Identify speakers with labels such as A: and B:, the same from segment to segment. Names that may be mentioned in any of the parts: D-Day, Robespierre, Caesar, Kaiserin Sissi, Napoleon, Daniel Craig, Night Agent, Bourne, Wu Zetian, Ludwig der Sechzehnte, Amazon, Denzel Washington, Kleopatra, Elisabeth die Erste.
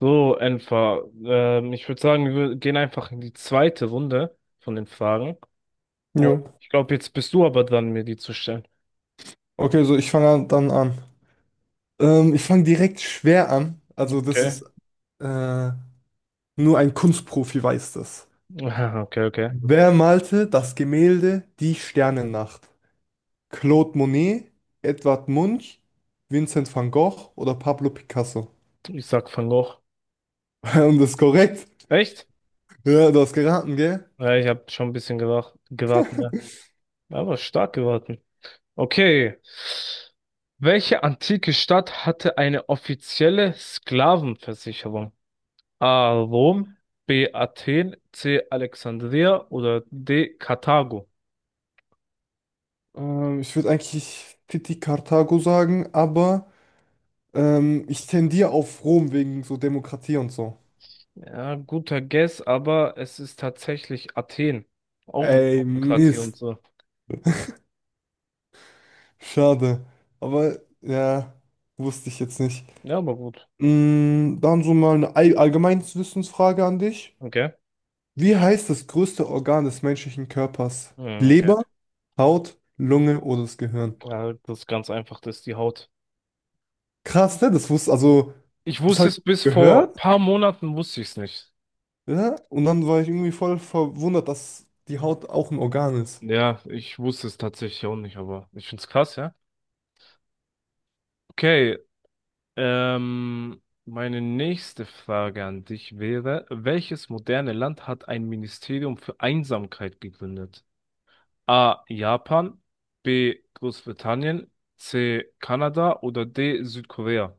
A: So, Enfer, ich würde sagen, wir gehen einfach in die zweite Runde von den Fragen. Oh,
B: Jo.
A: ich glaube, jetzt bist du aber dran, mir die zu stellen.
B: Okay, so ich fange dann an. Ich fange direkt schwer an. Also das
A: Okay.
B: ist äh, nur ein Kunstprofi weiß das.
A: Aha, okay, okay.
B: Wer malte das Gemälde Die Sternennacht? Claude Monet, Edvard Munch, Vincent van Gogh oder Pablo Picasso?
A: Ich sag fang hoch.
B: Und das ist korrekt.
A: Echt?
B: Ja, du hast geraten, gell?
A: Ja, ich habe schon ein bisschen gewartet, ne? Aber stark gewartet. Okay. Welche antike Stadt hatte eine offizielle Sklavenversicherung? A. Rom, B. Athen, C. Alexandria oder D. Karthago?
B: Ich würde eigentlich Titi Karthago sagen, aber ich tendiere auf Rom wegen so Demokratie und so.
A: Ja, guter Guess, aber es ist tatsächlich Athen. Auch wegen
B: Ey,
A: Demokratie und
B: Mist.
A: so.
B: Schade. Aber ja, wusste ich jetzt nicht.
A: Ja, aber gut.
B: Dann so mal eine allgemeines Wissensfrage an dich.
A: Okay.
B: Wie heißt das größte Organ des menschlichen Körpers?
A: Hm, okay.
B: Leber, Haut, Lunge oder das Gehirn?
A: Ja, das ist ganz einfach, das ist die Haut.
B: Krass, ne? Das wusste, also,
A: Ich
B: das
A: wusste
B: habe
A: es
B: ich
A: bis vor
B: gehört,
A: paar Monaten, wusste ich es nicht.
B: ja? Und dann war ich irgendwie voll verwundert, dass die Haut auch ein Organ ist.
A: Ja, ich wusste es tatsächlich auch nicht, aber ich find's krass, ja. Okay, ähm, meine nächste Frage an dich wäre, welches moderne Land hat ein Ministerium für Einsamkeit gegründet? A. Japan, B. Großbritannien, C. Kanada oder D. Südkorea?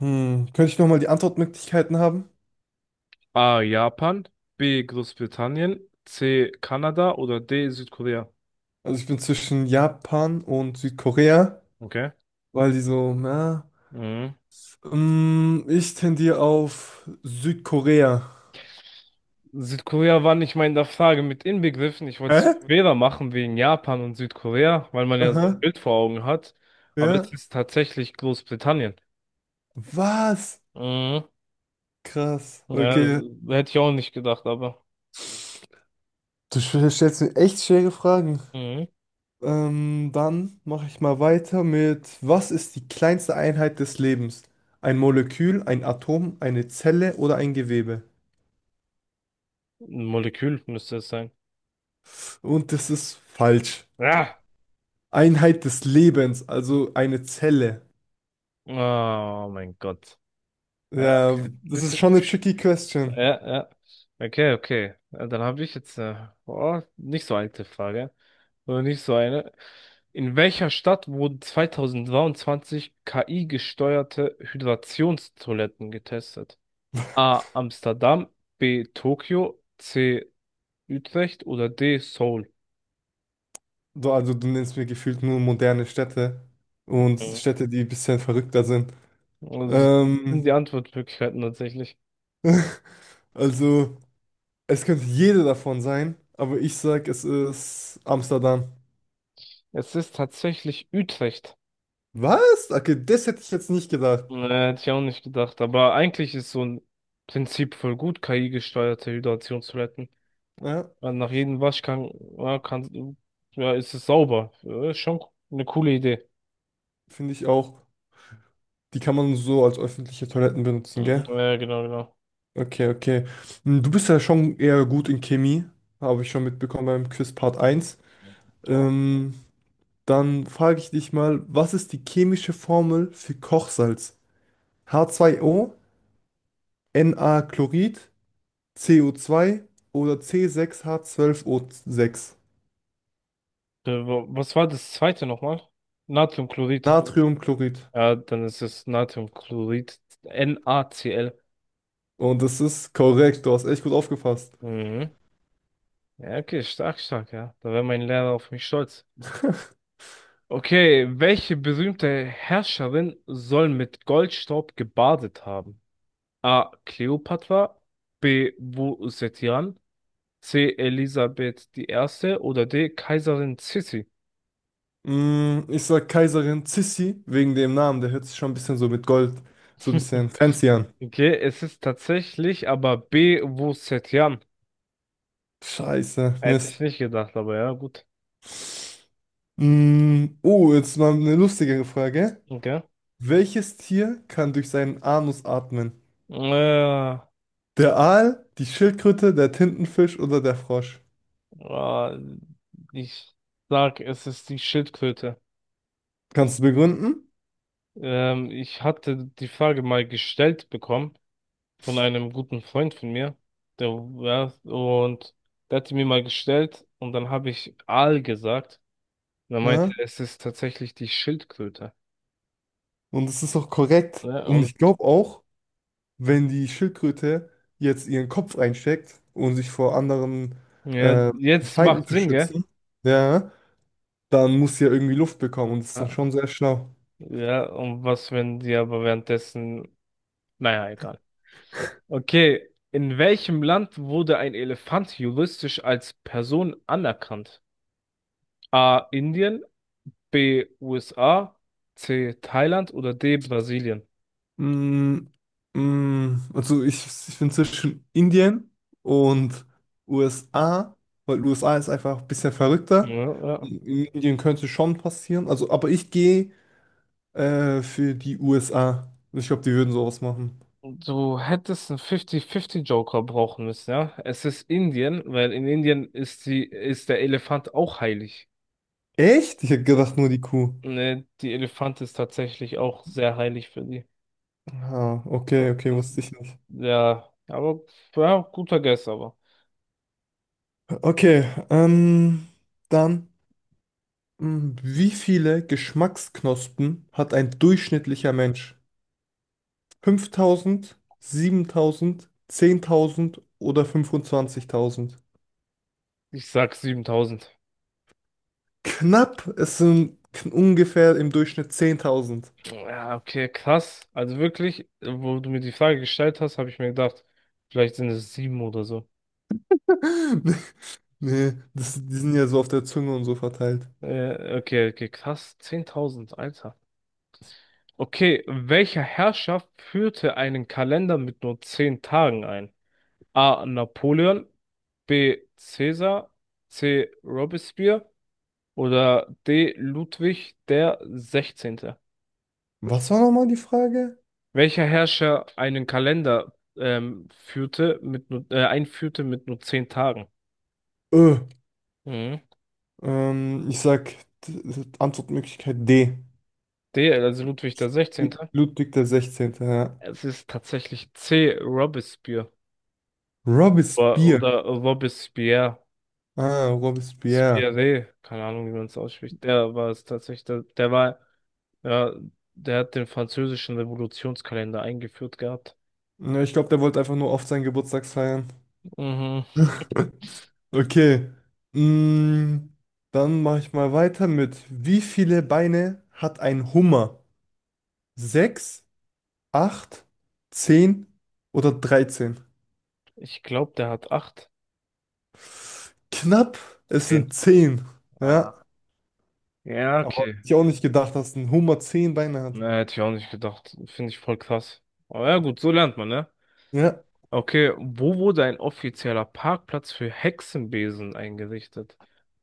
B: Könnte ich nochmal die Antwortmöglichkeiten haben?
A: A. Japan, B. Großbritannien, C. Kanada oder D. Südkorea?
B: Also ich bin zwischen Japan und Südkorea,
A: Okay.
B: weil die so, ja.
A: Mhm.
B: Ich tendiere auf Südkorea.
A: Südkorea war nicht mal in der Frage mit inbegriffen. Ich wollte es
B: Hä?
A: schwerer machen wegen Japan und Südkorea, weil man ja so ein
B: Aha,
A: Bild vor Augen hat. Aber es
B: ja.
A: ist tatsächlich Großbritannien.
B: Was?
A: Mhm.
B: Krass.
A: Ja,
B: Okay.
A: hätte ich auch nicht gedacht, aber.
B: Du stellst mir echt schwere Fragen.
A: Mhm.
B: Dann mache ich mal weiter mit, was ist die kleinste Einheit des Lebens? Ein Molekül, ein Atom, eine Zelle oder ein Gewebe?
A: Ein Molekül müsste es sein.
B: Und das ist falsch.
A: Ja.
B: Einheit des Lebens, also eine Zelle.
A: Oh mein Gott. Ja,
B: Ja,
A: okay.
B: das ist
A: Bisschen.
B: schon eine tricky question.
A: Ja, ja. Okay, okay. Ja, dann habe ich jetzt eine oh, nicht so alte Frage. Oder nicht so eine. In welcher Stadt wurden 2023 KI-gesteuerte Hydrationstoiletten getestet? A. Amsterdam, B. Tokio, C. Utrecht oder D. Seoul?
B: Du, also du nennst mir gefühlt nur moderne Städte und
A: Mhm.
B: Städte, die ein bisschen verrückter sind.
A: Also, das sind die
B: Ähm,
A: Antwortmöglichkeiten tatsächlich.
B: also es könnte jede davon sein, aber ich sag, es ist Amsterdam.
A: Es ist tatsächlich Utrecht.
B: Was? Okay, das hätte ich jetzt nicht gedacht.
A: Nee, hätte ich auch nicht gedacht. Aber eigentlich ist so ein Prinzip voll gut, KI-gesteuerte Hydration zu retten.
B: Ja,
A: Weil nach jedem Waschgang, ja, kann, ja, ist es sauber. Ja, ist schon eine coole Idee.
B: finde ich auch. Die kann man so als öffentliche Toiletten benutzen,
A: Mhm,
B: gell?
A: ja, ja, genau, genau.
B: Okay, okay. Du bist ja schon eher gut in Chemie, habe ich schon mitbekommen beim Quiz Part eins. Ähm, Dann frage ich dich mal, was ist die chemische Formel für Kochsalz? H2O, Na-Chlorid, CO2 oder C6H12O6.
A: Was war das zweite nochmal? Natriumchlorid.
B: Natriumchlorid.
A: Ja, dann ist es Natriumchlorid. NaCl.
B: Und das ist korrekt, du hast echt gut aufgepasst.
A: Mhm. Ja, okay, stark, stark, ja. Da wäre mein Lehrer auf mich stolz. Okay, welche berühmte Herrscherin soll mit Goldstaub gebadet haben? A. Kleopatra, B. Wu Zetian, C. Elisabeth die Erste oder D. Kaiserin Sissi.
B: Ich sag Kaiserin Sissi wegen dem Namen, der hört sich schon ein bisschen so mit Gold, so ein bisschen fancy an.
A: Okay, es ist tatsächlich aber B. Wu Zetian.
B: Scheiße,
A: Hätte ich
B: Mist.
A: nicht gedacht, aber ja, gut.
B: Oh, jetzt mal eine lustigere Frage.
A: Okay.
B: Welches Tier kann durch seinen Anus atmen?
A: Äh,
B: Der Aal, die Schildkröte, der Tintenfisch oder der Frosch?
A: äh, ich sag, es ist die Schildkröte.
B: Kannst du begründen?
A: Ich hatte die Frage mal gestellt bekommen von einem guten Freund von mir. Der, ja, und der hat die mir mal gestellt und dann habe ich Aal gesagt. Und er meinte,
B: Ja?
A: es ist tatsächlich die Schildkröte.
B: Und es ist auch korrekt.
A: Ja,
B: Und
A: und
B: ich glaube auch, wenn die Schildkröte jetzt ihren Kopf einsteckt, um sich vor anderen
A: ja,
B: äh,
A: jetzt
B: Feinden
A: macht
B: zu
A: Sinn, gell?
B: schützen, ja, dann muss sie ja irgendwie Luft bekommen und das ist dann
A: Ja,
B: schon sehr schlau.
A: ja, und was, wenn die aber währenddessen, naja, egal. Okay, in welchem Land wurde ein Elefant juristisch als Person anerkannt? A. Indien, B. USA, C. Thailand oder D. Brasilien?
B: Mm, also ich bin zwischen Indien und USA, weil USA ist einfach ein bisschen verrückter.
A: Ja, ja.
B: In Indien könnte schon passieren. Also, aber ich gehe für die USA. Ich glaube, die würden sowas machen.
A: Du hättest einen 50-50 Joker brauchen müssen, ja. Es ist Indien, weil in Indien ist die, ist der Elefant auch heilig.
B: Echt? Ich hätte gedacht, nur die Kuh.
A: Ne, die Elefant ist tatsächlich auch sehr heilig für die.
B: Ah, okay, okay,
A: Also,
B: wusste ich nicht.
A: ja, aber ja, guter Guess, aber
B: Okay, dann, wie viele Geschmacksknospen hat ein durchschnittlicher Mensch? 5.000, 7.000, 10.000 oder 25.000?
A: ich sag 7000.
B: Knapp, es sind ungefähr im Durchschnitt 10.000.
A: Ja, okay, krass. Also wirklich, wo du mir die Frage gestellt hast, habe ich mir gedacht, vielleicht sind es sieben oder so.
B: Nee, das, die sind ja so auf der Zunge und so verteilt.
A: Okay, okay, krass. Zehntausend Alter. Okay, welcher Herrscher führte einen Kalender mit nur zehn Tagen ein? A. Napoleon, B. Caesar, C. Robespierre oder D. Ludwig der Sechzehnte?
B: Was war nochmal die Frage?
A: Welcher Herrscher einen Kalender führte mit nur, einführte mit nur zehn Tagen?
B: Ö,
A: Mhm.
B: Ich sag Antwortmöglichkeit D.
A: D. Also Ludwig der Sechzehnte?
B: Ludwig der 16. Ja.
A: Es ist tatsächlich C. Robespierre oder,
B: Robespierre.
A: oder Robespierre.
B: Ah, Robespierre.
A: Spiré, keine Ahnung, wie man es ausspricht. Der war es tatsächlich. Der war, ja, der hat den französischen Revolutionskalender eingeführt gehabt.
B: Ja, ich glaube, der wollte einfach nur oft seinen Geburtstag feiern.
A: Mhm.
B: Okay. Mm, Dann mache ich mal weiter mit, wie viele Beine hat ein Hummer? Sechs, acht, 10 oder 13?
A: Ich glaube, der hat acht,
B: Knapp, es
A: zehn.
B: sind 10. Ja,
A: Ah. Ja,
B: aber hätte
A: okay.
B: ich auch nicht gedacht, dass ein Hummer 10 Beine hat.
A: Ne, hätte ich auch nicht gedacht. Finde ich voll krass. Aber ja, gut, so lernt man, ne?
B: Ja.
A: Okay, wo wurde ein offizieller Parkplatz für Hexenbesen eingerichtet?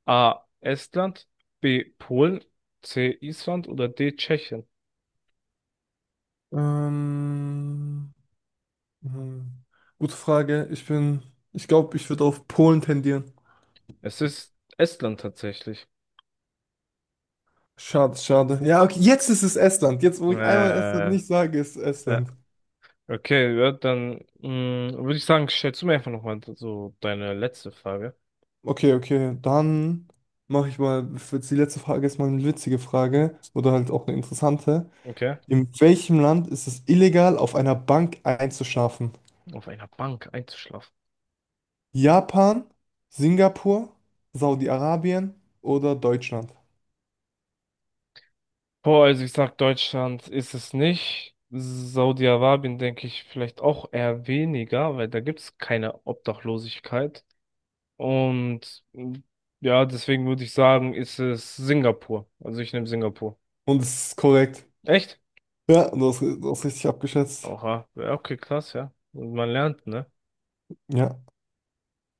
A: A. Estland, B. Polen, C. Island oder D. Tschechien?
B: Ähm, Hm, Gute Frage. Ich bin, ich glaube, ich würde auf Polen tendieren.
A: Es ist Estland tatsächlich.
B: Schade, schade. Ja, okay, jetzt ist es Estland. Jetzt, wo
A: Äh,
B: ich einmal Estland nicht sage, ist es
A: ja.
B: Estland.
A: Okay, ja, dann mh, würde ich sagen, stellst du mir einfach nochmal so deine letzte Frage.
B: Okay, okay, dann mache ich mal, jetzt die letzte Frage ist mal eine witzige Frage oder halt auch eine interessante.
A: Okay.
B: In welchem Land ist es illegal, auf einer Bank einzuschlafen?
A: Auf einer Bank einzuschlafen.
B: Japan, Singapur, Saudi-Arabien oder Deutschland?
A: Boah, also ich sag, Deutschland ist es nicht. Saudi-Arabien denke ich vielleicht auch eher weniger, weil da gibt es keine Obdachlosigkeit. Und mh, ja, deswegen würde ich sagen, ist es Singapur. Also ich nehme Singapur.
B: Und es ist korrekt.
A: Echt?
B: Ja, du hast richtig abgeschätzt.
A: Oha. Ja, okay, krass, ja. Und man lernt, ne?
B: Ja.